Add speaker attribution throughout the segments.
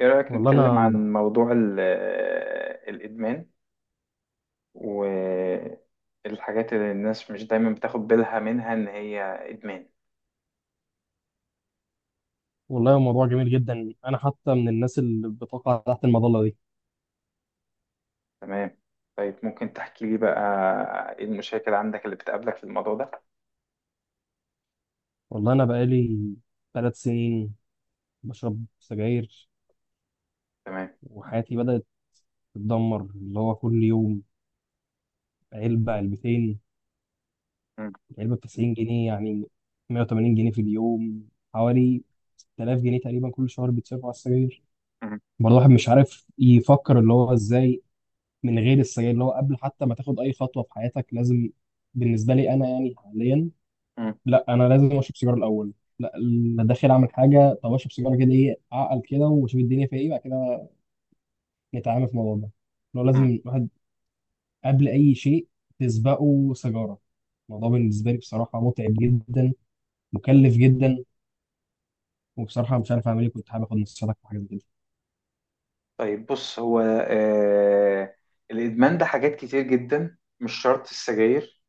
Speaker 1: إيه رأيك
Speaker 2: والله
Speaker 1: نتكلم
Speaker 2: انا
Speaker 1: عن موضوع الإدمان والحاجات اللي الناس مش دايما بتاخد بالها منها إن هي إدمان.
Speaker 2: والله الموضوع جميل جدا، انا حتى من الناس اللي بتقع تحت المظله دي.
Speaker 1: تمام. طيب، ممكن تحكي لي بقى إيه المشاكل عندك اللي بتقابلك في الموضوع ده؟
Speaker 2: والله انا بقالي 3 سنين بشرب سجاير،
Speaker 1: تمام.
Speaker 2: وحياتي بدات تتدمر، اللي هو كل يوم علبه علبتين،
Speaker 1: مم.
Speaker 2: علبه ب 90 جنيه، يعني 180 جنيه في اليوم، حوالي 6000 جنيه تقريبا كل شهر بيتصرفوا على السجاير.
Speaker 1: مم.
Speaker 2: برضه الواحد مش عارف يفكر اللي هو ازاي من غير السجاير، اللي هو قبل حتى ما تاخد اي خطوه في حياتك لازم، بالنسبه لي انا يعني حاليا،
Speaker 1: مم.
Speaker 2: لا انا لازم اشرب سيجاره الاول، لا انا داخل اعمل حاجه طب اشرب سيجاره كده، ايه اعقل كده واشوف الدنيا فيها ايه بعد كده نتعامل في الموضوع ده. لو لازم
Speaker 1: مم.
Speaker 2: الواحد قبل اي شيء تسبقه سيجاره. الموضوع بالنسبه لي بصراحه متعب جدا، مكلف جدا، وبصراحه مش عارف اعمل ايه، كنت حابب اخد نصيحتك في حاجه زي كده.
Speaker 1: طيب بص هو الإدمان ده حاجات كتير جدا، مش شرط السجاير.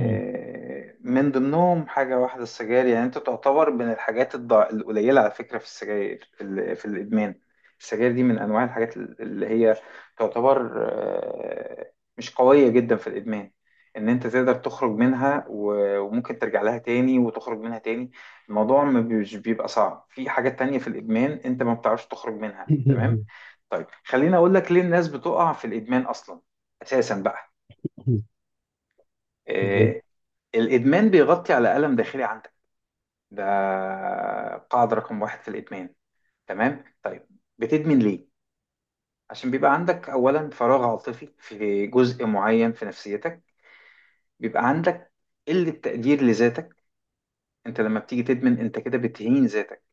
Speaker 2: مم.
Speaker 1: من ضمنهم حاجة واحدة السجاير، يعني أنت تعتبر من الحاجات القليلة على فكرة في السجاير في الإدمان. السجاير دي من أنواع الحاجات اللي هي تعتبر مش قوية جدا في الإدمان. إن أنت تقدر تخرج منها وممكن ترجع لها تاني وتخرج منها تاني. الموضوع ما بيش- بيبقى صعب في حاجات تانية في الإدمان أنت ما بتعرفش تخرج منها. تمام. طيب، خليني أقول لك ليه الناس بتقع في الإدمان أصلا، أساسا بقى.
Speaker 2: ليه؟
Speaker 1: آه، الإدمان بيغطي على ألم داخلي عندك. ده قاعدة رقم واحد في الإدمان. تمام. طيب، بتدمن ليه؟ عشان بيبقى عندك أولا فراغ عاطفي في جزء معين في نفسيتك، بيبقى عندك قلة تقدير لذاتك. أنت لما بتيجي تدمن، أنت كده بتهين ذاتك.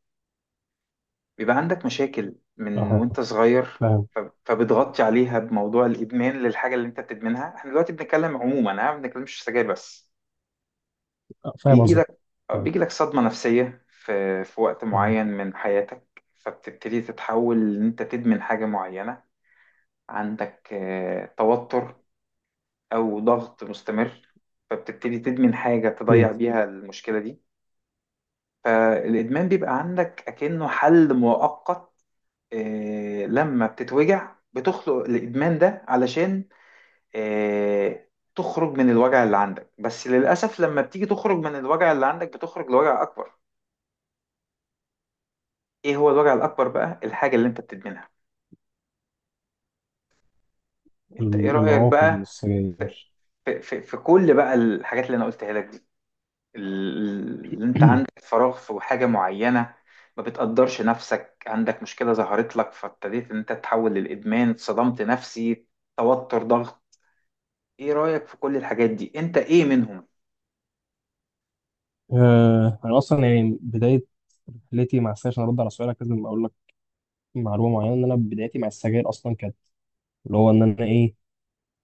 Speaker 1: بيبقى عندك مشاكل من
Speaker 2: اه،
Speaker 1: وأنت صغير،
Speaker 2: فاهم.
Speaker 1: ف- فبتغطي عليها بموضوع الإدمان للحاجة اللي أنت بتدمنها. احنا دلوقتي بنتكلم عموما، ها، ما بنتكلمش سجاير بس.
Speaker 2: آه، فاهم
Speaker 1: بيجي
Speaker 2: قصدك.
Speaker 1: لك
Speaker 2: فاهم،
Speaker 1: بيجي لك صدمة نفسية في وقت
Speaker 2: اه.
Speaker 1: معين من حياتك، فبتبتدي تتحول إن أنت تدمن حاجة معينة. عندك توتر أو ضغط مستمر، فبتبتدي تدمن حاجة
Speaker 2: اكيد.
Speaker 1: تضيع بيها المشكلة دي. فالإدمان بيبقى عندك أكنه حل مؤقت. لما بتتوجع بتخلق الإدمان ده علشان آه، تخرج من الوجع اللي عندك، بس للأسف لما بتيجي تخرج من الوجع اللي عندك بتخرج لوجع أكبر. ايه هو الوجع الاكبر بقى؟ الحاجه اللي انت بتدمنها. انت ايه رايك
Speaker 2: العواقب من
Speaker 1: بقى في,
Speaker 2: السجاير.
Speaker 1: في كل بقى الحاجات اللي انا قلتها لك دي، اللي انت عندك فراغ في حاجه معينه، ما بتقدرش نفسك، عندك مشكله ظهرت لك فابتديت ان انت تحول للادمان، صدمت نفسي، توتر، ضغط. ايه رايك في كل الحاجات دي؟ انت ايه منهم؟
Speaker 2: انا اصلا يعني بدايه رحلتي مع السجاير، عشان ارد على سؤالك لازم اقول لك معلومه معينه، ان انا بدايتي مع السجاير اصلا كانت اللي هو ان انا ايه،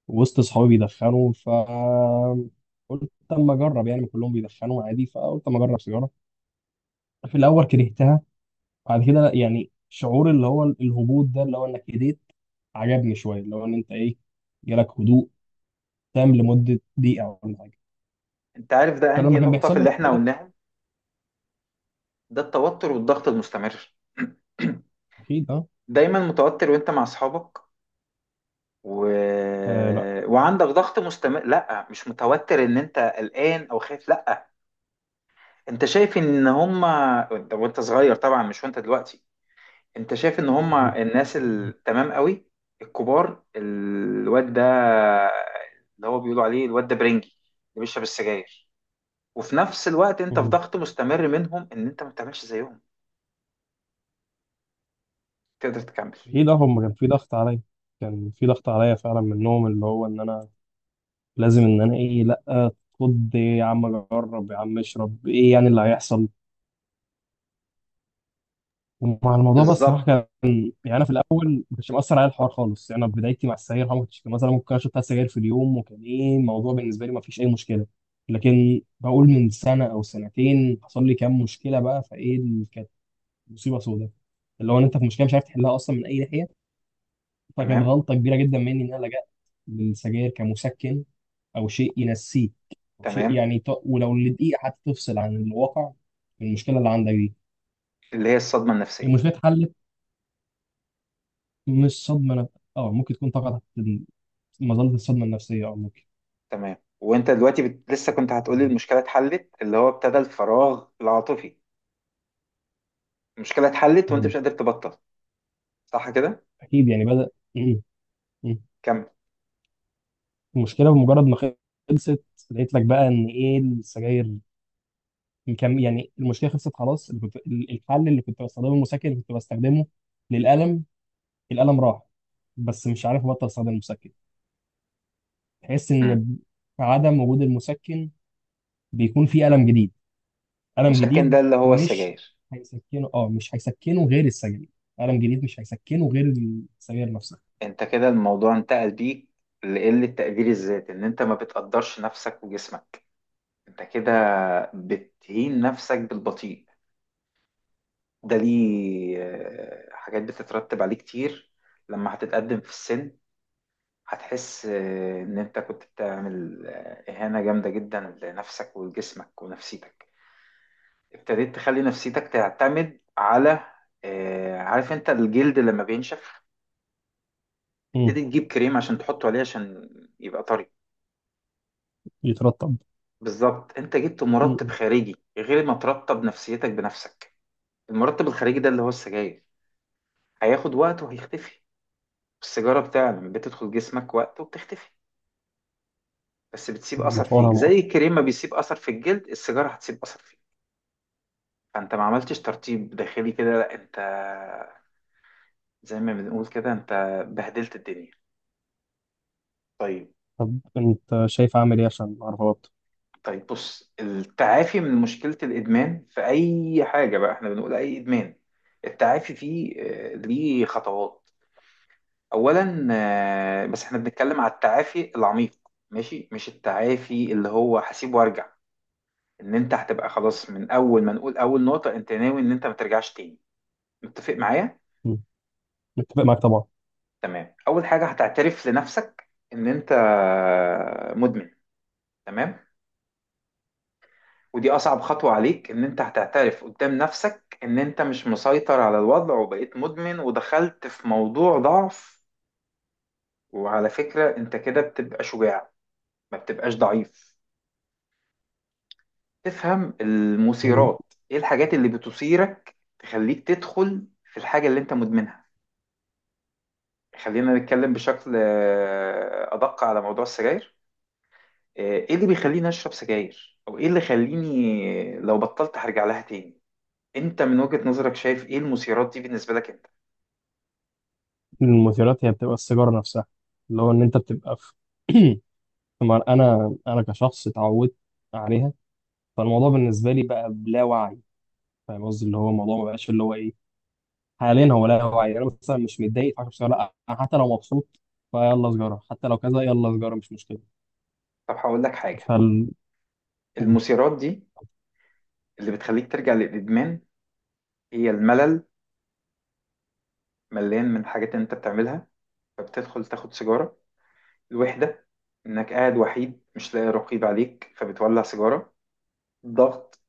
Speaker 2: وسط صحابي بيدخنوا، قلت اما اجرب، يعني كلهم بيدخنوا عادي، فقلت اما اجرب سيجاره. في الاول كرهتها، بعد كده لا يعني شعور اللي هو الهبوط ده اللي هو انك هديت عجبني شويه، اللي هو ان انت ايه، جالك هدوء تام لمده دقيقه ولا حاجه.
Speaker 1: انت عارف ده انهي
Speaker 2: فلما كان
Speaker 1: نقطه في
Speaker 2: بيحصل لي
Speaker 1: اللي احنا
Speaker 2: مشكله.
Speaker 1: قلناهم؟ ده التوتر والضغط المستمر.
Speaker 2: اكيد، اه.
Speaker 1: دايما متوتر وانت مع اصحابك و...
Speaker 2: لا.
Speaker 1: وعندك ضغط مستمر. لا مش متوتر ان انت قلقان او خايف، لا. انت شايف ان هما وانت صغير طبعا، مش وانت دلوقتي. انت شايف ان هما الناس التمام قوي، الكبار، الواد ده اللي هو بيقولوا عليه الواد ده برنجي، اللي بيشرب السجاير. وفي نفس الوقت انت في ضغط مستمر منهم ان انت ما بتعملش زيهم. تقدر تكمل؟
Speaker 2: اكيد، اه، هم كان في ضغط عليا، كان في ضغط عليا فعلا منهم، اللي هو ان انا لازم ان انا ايه، لا، خد إيه يا عم، جرب يا عم، اشرب، ايه يعني اللي هيحصل. ومع الموضوع بقى الصراحه
Speaker 1: بالظبط.
Speaker 2: كان، يعني انا في الاول ما كانش مأثر عليا الحوار خالص، يعني انا في بدايتي مع السجاير ما كنتش مثلا ممكن اشرب ثلاث سجاير في اليوم، وكان ايه الموضوع بالنسبه لي، ما فيش اي مشكله، لكن بقول من سنه او سنتين حصل لي كام مشكله بقى، فايه اللي كانت مصيبه سوداء، اللي هو ان انت في مشكله مش عارف تحلها اصلا من اي ناحيه، فكانت
Speaker 1: تمام،
Speaker 2: غلطة كبيرة جدا مني إن أنا لجأت للسجاير كمسكن، أو شيء ينسيك، أو شيء
Speaker 1: تمام،
Speaker 2: يعني ولو لدقيقة حتى تفصل عن الواقع من المشكلة اللي عندك دي.
Speaker 1: اللي هي الصدمة النفسية.
Speaker 2: المشكلة اتحلت، مش صدمة أه ممكن تكون طبعا تحت مظلة الصدمة النفسية، أه ممكن.
Speaker 1: تمام. وانت دلوقتي لسه كنت هتقولي المشكله اتحلت، اللي هو ابتدى الفراغ العاطفي. المشكله اتحلت وانت مش
Speaker 2: مم.
Speaker 1: قادر تبطل، صح كده؟
Speaker 2: أكيد يعني بدأ. مم. مم.
Speaker 1: كمل.
Speaker 2: المشكلة بمجرد ما خلصت، لقيت لك بقى إن إيه، السجاير كم يعني، المشكلة خلصت خلاص، اللي الحل اللي كنت بستخدمه، المسكن اللي كنت بستخدمه للألم، الألم راح، بس مش عارف أبطل أستخدم المسكن. تحس
Speaker 1: مم.
Speaker 2: إن عدم وجود المسكن بيكون فيه ألم جديد، ألم
Speaker 1: مشاكل، ده
Speaker 2: جديد
Speaker 1: اللي هو
Speaker 2: مش
Speaker 1: السجاير.
Speaker 2: هيسكنه، أه مش هيسكنه غير السجاير، ألم جديد مش هيسكنه غير السجاير نفسها.
Speaker 1: انت كده الموضوع انتقل بيك لقله تقدير الذات، ان انت ما بتقدرش نفسك وجسمك، انت كده بتهين نفسك بالبطيء. ده ليه حاجات بتترتب عليه كتير. لما هتتقدم في السن هتحس إن أنت كنت بتعمل إهانة جامدة جدا لنفسك ولجسمك ونفسيتك. ابتديت تخلي نفسيتك تعتمد على، عارف أنت الجلد لما بينشف،
Speaker 2: امم
Speaker 1: ابتدي تجيب كريم عشان تحطه عليه عشان يبقى طري.
Speaker 2: يترطب.
Speaker 1: بالظبط. أنت جبت مرطب
Speaker 2: امم
Speaker 1: خارجي غير ما ترطب نفسيتك بنفسك. المرطب الخارجي ده اللي هو السجاير، هياخد وقت وهيختفي. السيجارة بتاع، لما بتدخل جسمك وقت وبتختفي. بس بتسيب أثر فيك،
Speaker 2: مفعولها نقط.
Speaker 1: زي الكريم ما بيسيب أثر في الجلد، السيجارة هتسيب أثر فيك. فانت ما عملتش ترتيب داخلي كده، لا انت زي ما بنقول كده، انت بهدلت الدنيا. طيب.
Speaker 2: طب أنت شايف أعمل إيه عشان أعرف أبطل؟
Speaker 1: طيب بص، التعافي من مشكلة الإدمان في أي حاجة، بقى احنا بنقول أي إدمان. التعافي فيه ليه خطوات. أولا، بس احنا بنتكلم على التعافي العميق، ماشي، مش التعافي اللي هو هسيب وارجع، ان انت هتبقى خلاص من اول ما نقول، اول نقطة، انت ناوي ان انت ما ترجعش تاني. متفق معايا؟
Speaker 2: امم متفق معاك طبعا.
Speaker 1: تمام. اول حاجه هتعترف لنفسك ان انت مدمن. تمام. ودي اصعب خطوه عليك، ان انت هتعترف قدام نفسك ان انت مش مسيطر على الوضع وبقيت مدمن ودخلت في موضوع ضعف. وعلى فكره، انت كده بتبقى شجاع، ما بتبقاش ضعيف. تفهم
Speaker 2: أمم،
Speaker 1: المثيرات، ايه الحاجات اللي بتثيرك تخليك تدخل في الحاجه اللي انت مدمنها. خلينا نتكلم بشكل ادق على موضوع السجاير. آه، ايه اللي بيخليني اشرب سجاير، او ايه اللي يخليني لو بطلت هرجع لها تاني؟ انت من وجهة نظرك شايف ايه المثيرات دي بالنسبة لك انت؟
Speaker 2: المثيرات هي بتبقى السيجارة نفسها، اللي هو إن أنت بتبقى في. طبعاً أنا كشخص اتعودت عليها، فالموضوع بالنسبة لي بقى بلا وعي، فاهم قصدي، اللي هو الموضوع ما بقاش اللي هو ايه حاليا، هو لا هو يعني انا مثلا مش متضايق فعشان سجارة، لا انا حتى لو مبسوط فيلا سجارة، حتى لو كذا يلا سجارة، مش مشكلة.
Speaker 1: طب هقول لك حاجة.
Speaker 2: فال قول.
Speaker 1: المثيرات دي اللي بتخليك ترجع للادمان هي الملل، مليان من حاجات انت بتعملها فبتدخل تاخد سيجارة. الوحدة، انك قاعد وحيد مش لاقي رقيب عليك فبتولع سيجارة. ضغط،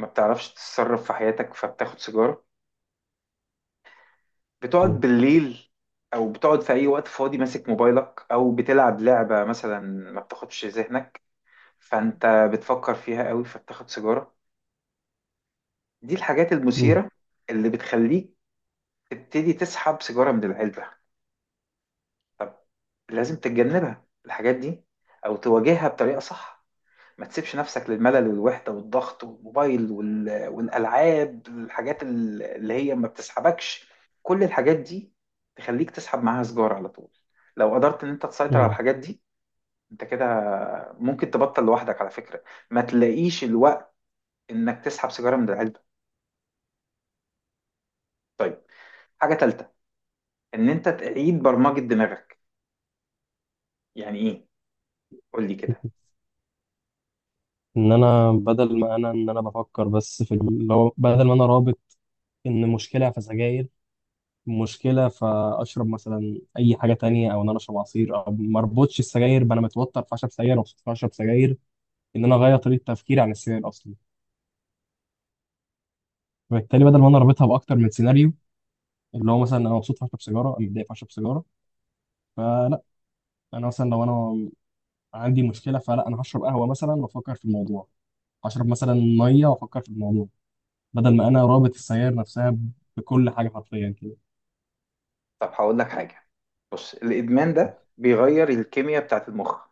Speaker 1: ما بتعرفش تتصرف في حياتك فبتاخد سيجارة. بتقعد
Speaker 2: قول.
Speaker 1: بالليل، او بتقعد في اي وقت فاضي ماسك موبايلك او بتلعب لعبة مثلا، ما بتاخدش ذهنك، فانت بتفكر فيها قوي فبتاخد سيجارة. دي الحاجات
Speaker 2: مم.
Speaker 1: المثيرة اللي بتخليك تبتدي تسحب سيجارة من العلبة. لازم تتجنبها الحاجات دي او تواجهها بطريقة صح. ما تسيبش نفسك للملل والوحدة والضغط والموبايل والألعاب، الحاجات اللي هي ما بتسحبكش. كل الحاجات دي تخليك تسحب معاها سجارة على طول. لو قدرت ان انت تسيطر على
Speaker 2: مم.
Speaker 1: الحاجات دي، انت كده ممكن تبطل لوحدك على فكرة، ما تلاقيش الوقت انك تسحب سيجارة من العلبة. طيب، حاجة تالتة، ان انت تعيد برمجة دماغك. يعني ايه؟ قول لي كده.
Speaker 2: ان انا بدل ما انا ان انا بفكر بس في اللي هو بدل ما انا رابط ان مشكلة فسجاير، مشكلة فاشرب مثلا اي حاجة تانية، او ان انا اشرب عصير، او ما اربطش السجاير بأنا متوتر فاشرب سجاير، مبسوط فاشرب سجاير، ان انا اغير طريقة تفكيري عن السجاير اصلا، فبالتالي بدل ما انا رابطها باكتر من سيناريو، اللي هو مثلا انا مبسوط فاشرب سيجاره، انا متضايق فاشرب سيجاره، فلا انا مثلا لو انا عندي مشكله، فلا انا هشرب قهوه مثلا وافكر في الموضوع، هشرب مثلا ميه وافكر في الموضوع، بدل ما انا رابط السجاير نفسها بكل حاجه حرفيا كده.
Speaker 1: طب هقول لك حاجة. بص الإدمان
Speaker 2: طب.
Speaker 1: ده بيغير الكيمياء بتاعت المخ.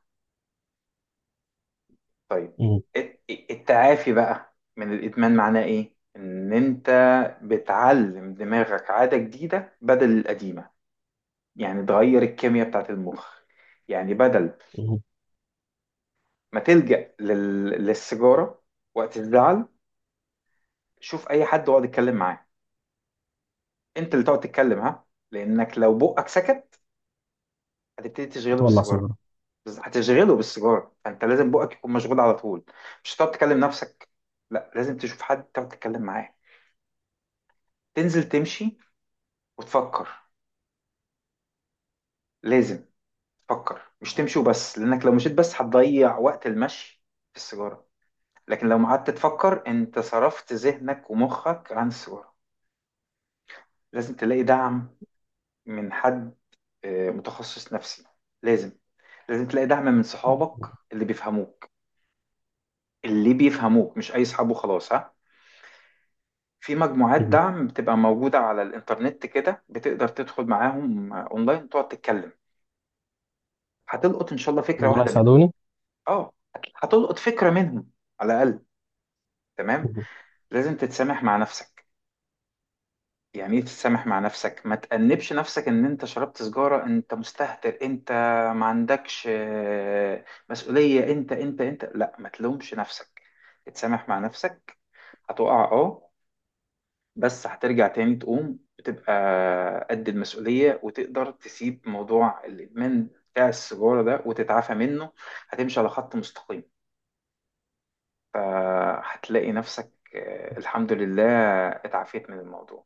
Speaker 1: طيب.
Speaker 2: مم.
Speaker 1: الت- التعافي بقى من الإدمان معناه إيه؟ إن أنت بتعلم دماغك عادة جديدة بدل القديمة. يعني تغير الكيمياء بتاعت المخ. يعني بدل
Speaker 2: مم.
Speaker 1: ما تلجأ للسيجارة وقت الزعل، شوف أي حد واقعد اتكلم معاه. أنت اللي تقعد تتكلم، ها. لأنك لو بقك سكت هتبتدي تشغله
Speaker 2: هتولع
Speaker 1: بالسيجارة.
Speaker 2: سيجاره.
Speaker 1: بس هتشغله بالسيجارة، فأنت لازم بقك يكون مشغول على طول. مش هتقعد تكلم نفسك، لا لازم تشوف حد تقعد تتكلم معاه. تنزل تمشي وتفكر. لازم تفكر، مش تمشي وبس، لانك لو مشيت بس هتضيع وقت المشي في السيجاره. لكن لو قعدت تفكر انت صرفت ذهنك ومخك عن السيجاره. لازم تلاقي دعم من حد متخصص نفسي. لازم، لازم تلاقي دعم من صحابك اللي بيفهموك، اللي بيفهموك مش اي صحاب وخلاص، ها. في مجموعات
Speaker 2: مم.
Speaker 1: دعم بتبقى موجودة على الإنترنت كده، بتقدر تدخل معاهم أونلاين وتقعد تتكلم. هتلقط إن شاء الله فكرة
Speaker 2: دول
Speaker 1: واحدة منهم.
Speaker 2: هيساعدوني؟
Speaker 1: أه، هتلقط فكرة منهم على الأقل. تمام. لازم تتسامح مع نفسك. يعني ايه تتسامح مع نفسك؟ ما تأنبش نفسك ان انت شربت سجارة، انت مستهتر، انت ما عندكش مسؤولية، انت لا ما تلومش نفسك. تتسامح مع نفسك. هتقع، اه، بس هترجع تاني تقوم بتبقى قد المسؤولية وتقدر تسيب موضوع الإدمان بتاع السجارة ده وتتعافى منه. هتمشي على خط مستقيم، فهتلاقي نفسك الحمد لله اتعافيت من الموضوع.